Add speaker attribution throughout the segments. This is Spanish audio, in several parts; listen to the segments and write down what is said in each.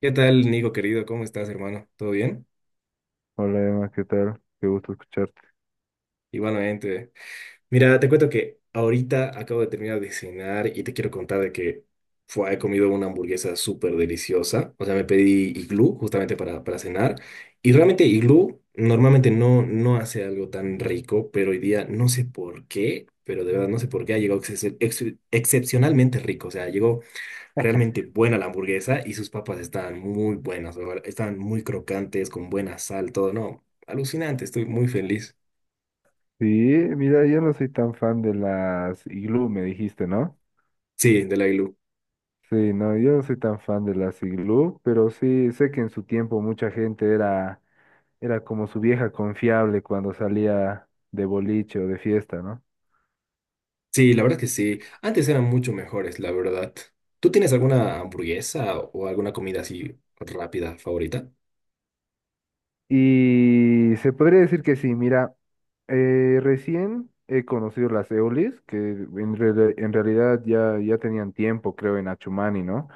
Speaker 1: ¿Qué tal, Nico, querido? ¿Cómo estás, hermano? ¿Todo bien?
Speaker 2: Hola Emma, ¿qué tal? Qué gusto escucharte.
Speaker 1: Igualmente. Mira, te cuento que ahorita acabo de terminar de cenar y te quiero contar de que fue, he comido una hamburguesa súper deliciosa. O sea, me pedí iglú justamente para cenar. Y realmente iglú normalmente no hace algo tan rico, pero hoy día no sé por qué, pero de verdad no sé por qué ha llegado excepcionalmente rico. O sea, llegó realmente buena la hamburguesa y sus papas estaban muy buenas, la verdad, estaban muy crocantes, con buena sal, todo, no, alucinante, estoy muy feliz.
Speaker 2: Sí, mira, yo no soy tan fan de las iglú, me dijiste, ¿no?
Speaker 1: Sí, de la Ilu.
Speaker 2: Sí, no, yo no soy tan fan de las iglú, pero sí sé que en su tiempo mucha gente era, como su vieja confiable cuando salía de boliche o de fiesta, ¿no?
Speaker 1: Sí, la verdad que sí, antes eran mucho mejores, la verdad. ¿Tú tienes alguna hamburguesa o alguna comida así rápida favorita?
Speaker 2: Y se podría decir que sí, mira, recién he conocido las eolis, que en realidad ya tenían tiempo, creo, en Achumani, ¿no?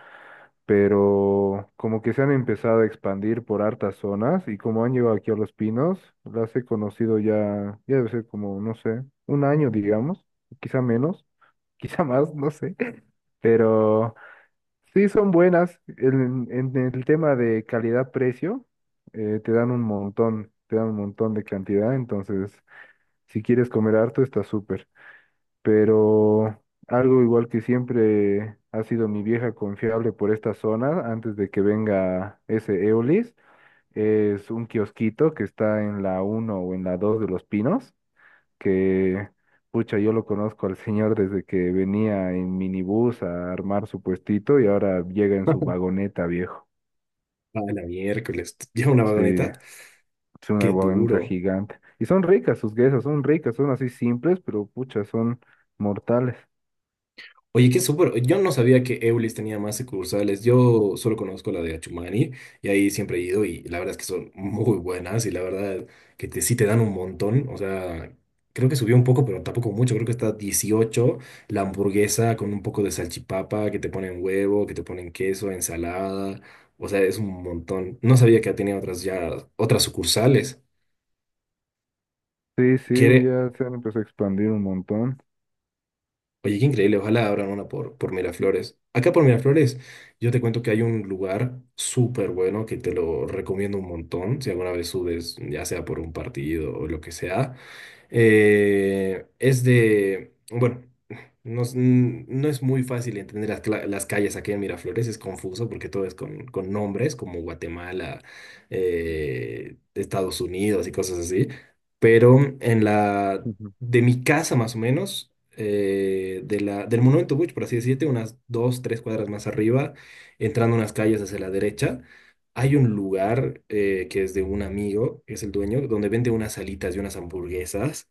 Speaker 2: Pero como que se han empezado a expandir por hartas zonas y como han llegado aquí a Los Pinos, las he conocido ya, ya debe ser como, no sé, un año, digamos, quizá menos, quizá más, no sé, pero sí son buenas. En el tema de calidad-precio, te dan un montón, te dan un montón de cantidad, entonces si quieres comer harto está súper, pero algo igual que siempre ha sido mi vieja confiable por esta zona, antes de que venga ese Eolis, es un kiosquito que está en la uno o en la 2 de Los Pinos, que, pucha, yo lo conozco al señor desde que venía en minibús a armar su puestito y ahora llega en su vagoneta, viejo.
Speaker 1: Ah, la miércoles, lleva una
Speaker 2: Sí,
Speaker 1: vagoneta,
Speaker 2: es una
Speaker 1: qué
Speaker 2: vagoneta
Speaker 1: duro.
Speaker 2: gigante. Y son ricas sus guesas, son ricas, son así simples, pero pucha, son mortales.
Speaker 1: Oye, qué súper. Yo no sabía que Eulis tenía más sucursales. Yo solo conozco la de Achumani y ahí siempre he ido y la verdad es que son muy buenas y la verdad que te, sí te dan un montón. O sea, creo que subió un poco, pero tampoco mucho. Creo que está 18 la hamburguesa con un poco de salchipapa, que te ponen huevo, que te ponen queso, ensalada. O sea, es un montón. No sabía que tenía otras ya, otras sucursales.
Speaker 2: Sí, sí,
Speaker 1: Quiere,
Speaker 2: ya se han empezado a expandir un montón.
Speaker 1: oye, qué increíble, ojalá abran una por Miraflores. Acá por Miraflores, yo te cuento que hay un lugar súper bueno que te lo recomiendo un montón, si alguna vez subes, ya sea por un partido o lo que sea. Es de, bueno, no, es no es muy fácil entender las, las calles aquí en Miraflores, es confuso porque todo es con nombres como Guatemala, Estados Unidos y cosas así, pero en la,
Speaker 2: Ujú.
Speaker 1: de mi casa más o menos, de la, del Monumento Bush, por así decirte, unas dos, tres cuadras más arriba, entrando unas calles hacia la derecha. Hay un lugar que es de un amigo, que es el dueño, donde vende unas alitas y unas hamburguesas,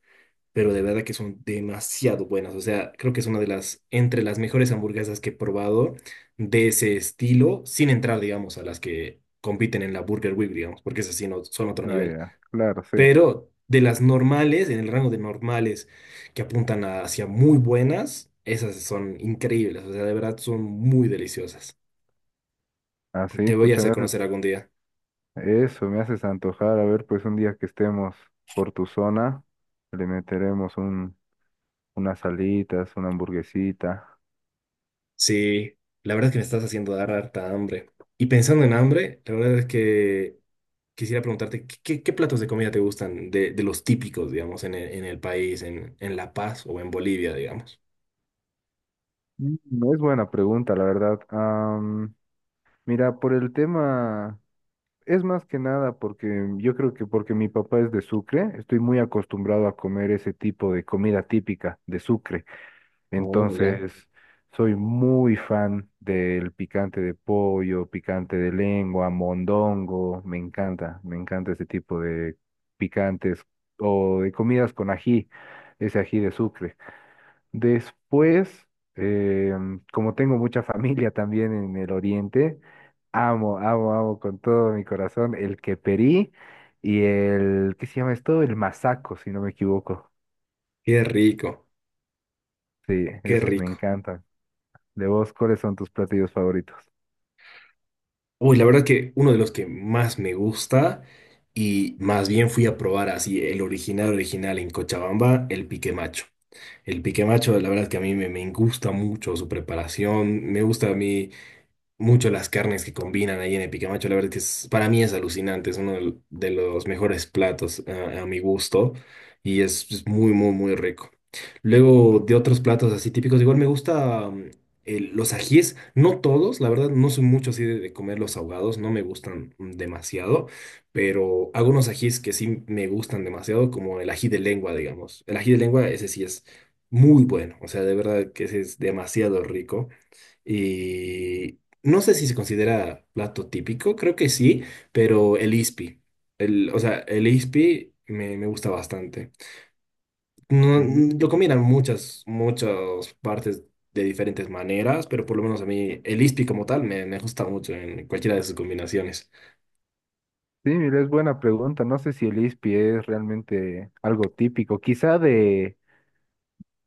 Speaker 1: pero de verdad que son demasiado buenas. O sea, creo que es una de las, entre las mejores hamburguesas que he probado de ese estilo, sin entrar, digamos, a las que compiten en la Burger Week, digamos, porque esas sí no, son otro
Speaker 2: Ah,
Speaker 1: nivel.
Speaker 2: ya, claro, sí.
Speaker 1: Pero de las normales, en el rango de normales que hacia muy buenas, esas son increíbles. O sea, de verdad son muy deliciosas.
Speaker 2: Así,
Speaker 1: Te voy a
Speaker 2: pucha,
Speaker 1: hacer
Speaker 2: me haces
Speaker 1: conocer algún día.
Speaker 2: eso, me haces antojar. A ver, pues un día que estemos por tu zona, le meteremos unas alitas, una hamburguesita.
Speaker 1: Sí, la verdad es que me estás haciendo dar harta hambre. Y pensando en hambre, la verdad es que quisiera preguntarte, qué platos de comida te gustan de los típicos, digamos, en el país, en La Paz o en Bolivia, digamos?
Speaker 2: No es buena pregunta, la verdad. Mira, por el tema, es más que nada porque yo creo que porque mi papá es de Sucre, estoy muy acostumbrado a comer ese tipo de comida típica de Sucre.
Speaker 1: Oh, ya.
Speaker 2: Entonces, soy muy fan del picante de pollo, picante de lengua, mondongo. Me encanta ese tipo de picantes o de comidas con ají, ese ají de Sucre. Después, como tengo mucha familia también en el oriente, amo, amo, amo con todo mi corazón el queperí y el, ¿qué se llama esto? El masaco, si no me equivoco.
Speaker 1: Qué rico,
Speaker 2: Sí,
Speaker 1: qué
Speaker 2: esos me
Speaker 1: rico.
Speaker 2: encantan. De vos, ¿cuáles son tus platillos favoritos?
Speaker 1: Uy, la verdad que uno de los que más me gusta y más bien fui a probar así el original original en Cochabamba, el pique macho. El pique macho, la verdad que a mí me, me gusta mucho su preparación, me gusta a mí mucho las carnes que combinan ahí en el picamacho. La verdad que es- para mí es alucinante, es uno del- de los mejores platos a mi gusto y es muy, muy, muy rico. Luego de otros platos así típicos, igual me gusta el- los ajíes, no todos, la verdad no soy mucho así de comer los ahogados, no me gustan demasiado, pero hago unos ajíes que sí me gustan demasiado, como el ají de lengua, digamos. El ají de lengua, ese sí es muy bueno, o sea, de verdad que ese es demasiado rico. Y no sé si se considera plato típico, creo que sí, pero el ispi. El, o sea, el ispi me, me gusta bastante. No, lo
Speaker 2: Mm.
Speaker 1: combinan muchas, muchas partes de diferentes maneras, pero por lo menos a mí el ispi como tal me, me gusta mucho en cualquiera de sus combinaciones.
Speaker 2: Sí, mira, es buena pregunta. No sé si el ispi es realmente algo típico. Quizá de,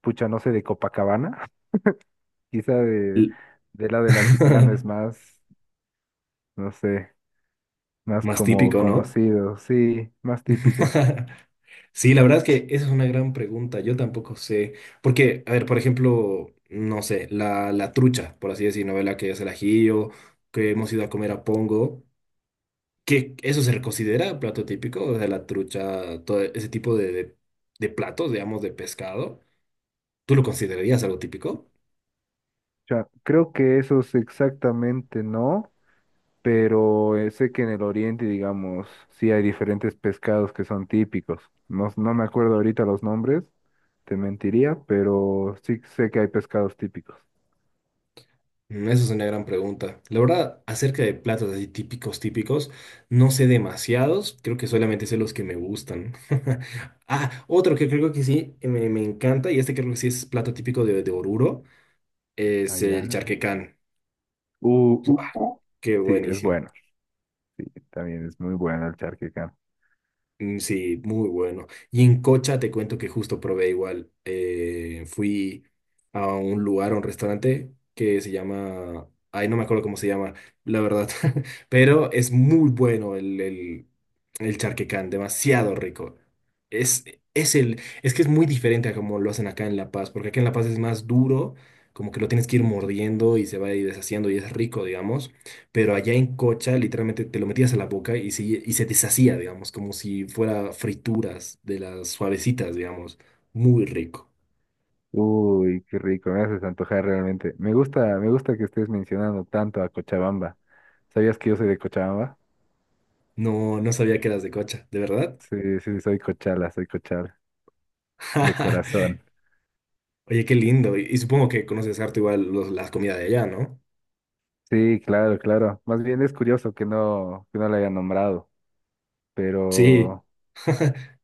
Speaker 2: pucha, no sé, de Copacabana. Quizá de,
Speaker 1: L-
Speaker 2: de la del altiplano es más, no sé, más
Speaker 1: más
Speaker 2: como
Speaker 1: típico, ¿no?
Speaker 2: conocido. Sí, más típico.
Speaker 1: Sí, la verdad es que esa es una gran pregunta. Yo tampoco sé. Porque, a ver, por ejemplo, no sé, la trucha, por así decir, novela que es el ajillo, que hemos ido a comer a Pongo, que eso se considera plato típico, o sea, la trucha, todo ese tipo de platos, digamos, de pescado. ¿Tú lo considerarías algo típico?
Speaker 2: O creo que esos exactamente no. Pero sé que en el oriente, digamos, sí hay diferentes pescados que son típicos. No, no me acuerdo ahorita los nombres, te mentiría, pero sí sé que hay pescados típicos.
Speaker 1: Esa es una gran pregunta. La verdad, acerca de platos así típicos, típicos, no sé demasiados, creo que solamente sé los que me gustan. Ah, otro que creo que sí, me, me encanta, y este creo que sí es plato típico de Oruro, es el
Speaker 2: Allá.
Speaker 1: charquecán.
Speaker 2: Uh,
Speaker 1: ¡Buah!
Speaker 2: uh, uh.
Speaker 1: Qué
Speaker 2: Sí, es
Speaker 1: buenísimo.
Speaker 2: bueno. También es muy bueno el charquecán.
Speaker 1: Mm, sí, muy bueno. Y en Cocha te cuento que justo probé igual. Fui a un lugar, a un restaurante que se llama... Ay, no me acuerdo cómo se llama, la verdad. Pero es muy bueno el charquecán, demasiado rico. Es, es el, es que es muy diferente a como lo hacen acá en La Paz, porque acá en La Paz es más duro, como que lo tienes que ir mordiendo y se va a ir deshaciendo y es rico, digamos, pero allá en cocha literalmente te lo metías a la boca y se deshacía, digamos, como si fuera frituras de las suavecitas, digamos. Muy rico.
Speaker 2: Uy, qué rico, me haces antojar realmente. Me gusta que estés mencionando tanto a Cochabamba. ¿Sabías que yo soy de Cochabamba?
Speaker 1: No, no sabía que eras de cocha, ¿de verdad?
Speaker 2: Sí, sí, sí, soy cochala, soy cochal, de corazón.
Speaker 1: Oye, qué lindo. Y supongo que conoces harto igual los- las comidas de allá, ¿no?
Speaker 2: Sí, claro, claro. Más bien es curioso que no la haya nombrado,
Speaker 1: Sí,
Speaker 2: pero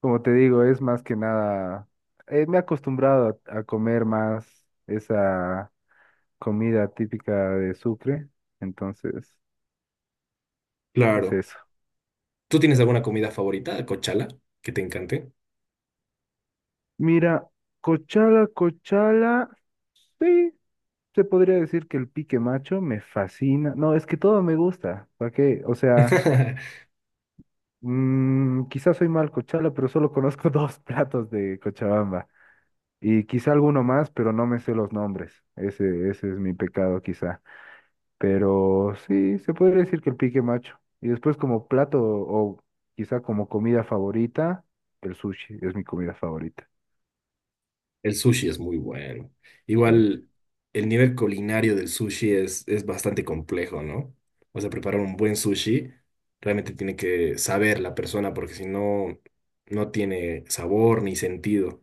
Speaker 2: como te digo, es más que nada, me he acostumbrado a comer más esa comida típica de Sucre, entonces es
Speaker 1: claro.
Speaker 2: eso.
Speaker 1: ¿Tú tienes alguna comida favorita, cochala, que te encante?
Speaker 2: Mira, cochala, cochala, sí, se podría decir que el pique macho me fascina. No, es que todo me gusta, ¿para qué? O sea, quizás soy mal cochala, pero solo conozco dos platos de Cochabamba. Y quizá alguno más, pero no me sé los nombres. Ese es mi pecado quizá. Pero sí, se podría decir que el pique macho. Y después como plato o quizá como comida favorita, el sushi es mi comida favorita.
Speaker 1: El sushi es muy bueno.
Speaker 2: Sí,
Speaker 1: Igual el nivel culinario del sushi es bastante complejo, ¿no? O sea, preparar un buen sushi realmente tiene que saber la persona porque si no, no tiene sabor ni sentido.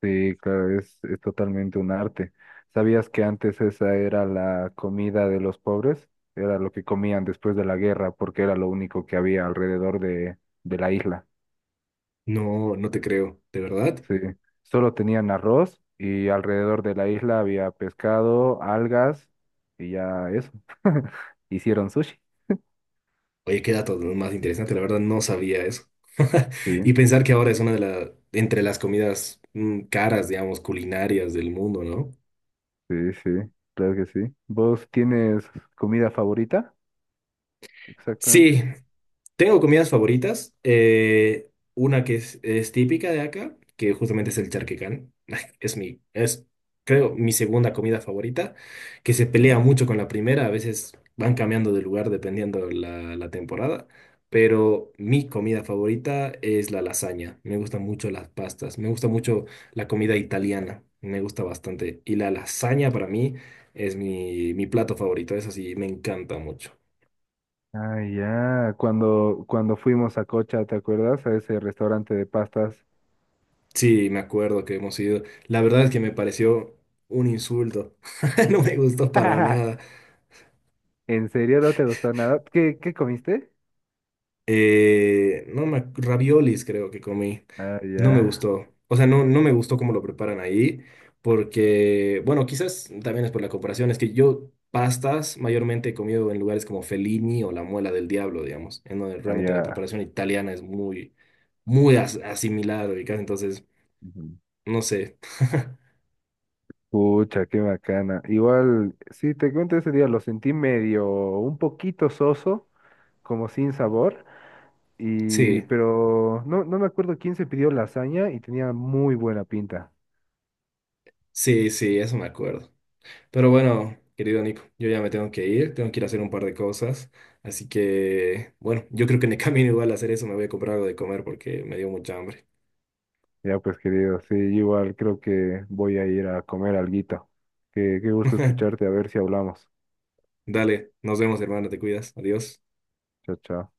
Speaker 2: sí, claro, es totalmente un arte. ¿Sabías que antes esa era la comida de los pobres? Era lo que comían después de la guerra porque era lo único que había alrededor de, la isla.
Speaker 1: No, no te creo, ¿de verdad?
Speaker 2: Sí, solo tenían arroz y alrededor de la isla había pescado, algas y ya eso. Hicieron sushi.
Speaker 1: Oye, qué dato más interesante, la verdad no sabía eso.
Speaker 2: Sí,
Speaker 1: Y pensar que ahora es una de las, entre las comidas caras, digamos, culinarias del mundo, ¿no?
Speaker 2: sí, sí, claro que sí. ¿Vos tienes comida favorita?
Speaker 1: Sí,
Speaker 2: Exactamente.
Speaker 1: tengo comidas favoritas. Una que es típica de acá, que justamente es el charquecán. Es mi, es, creo, mi segunda comida favorita, que se pelea
Speaker 2: Oh.
Speaker 1: mucho con la primera. A veces van cambiando de lugar dependiendo la, la temporada. Pero mi comida favorita es la lasaña. Me gustan mucho las pastas. Me gusta mucho la comida italiana. Me gusta bastante. Y la lasaña para mí es mi, mi plato favorito. Es así, me encanta mucho.
Speaker 2: Ah, ya, cuando fuimos a Cocha, ¿te acuerdas? A ese restaurante de pastas.
Speaker 1: Sí, me acuerdo que hemos ido. La verdad es que me pareció un insulto. No me gustó para nada.
Speaker 2: ¿En serio no te gustó nada? ¿¿Qué comiste?
Speaker 1: No me, raviolis creo que comí.
Speaker 2: Ah,
Speaker 1: No me
Speaker 2: ya,
Speaker 1: gustó. O sea, no, no me gustó cómo lo preparan ahí. Porque, bueno, quizás también es por la comparación. Es que yo pastas mayormente he comido en lugares como Fellini o La Muela del Diablo, digamos. En donde
Speaker 2: ah,
Speaker 1: realmente la
Speaker 2: ya.
Speaker 1: preparación italiana es muy, asimilada, ubicás. Entonces,
Speaker 2: Ujú.
Speaker 1: no sé.
Speaker 2: Pucha, qué bacana. Igual, sí, te cuento ese día, lo sentí medio, un poquito soso, como sin sabor,
Speaker 1: Sí,
Speaker 2: pero no, no me acuerdo quién se pidió lasaña y tenía muy buena pinta.
Speaker 1: sí, sí, eso me acuerdo. Pero bueno, querido Nico, yo ya me tengo que ir a hacer un par de cosas. Así que, bueno, yo creo que en el camino igual a hacer eso me voy a comprar algo de comer porque me dio mucha hambre.
Speaker 2: Ya pues, querido, sí, igual creo que voy a ir a comer alguito. Qué gusto escucharte, a ver si hablamos.
Speaker 1: Dale, nos vemos, hermano, te cuidas. Adiós.
Speaker 2: Chao, chao.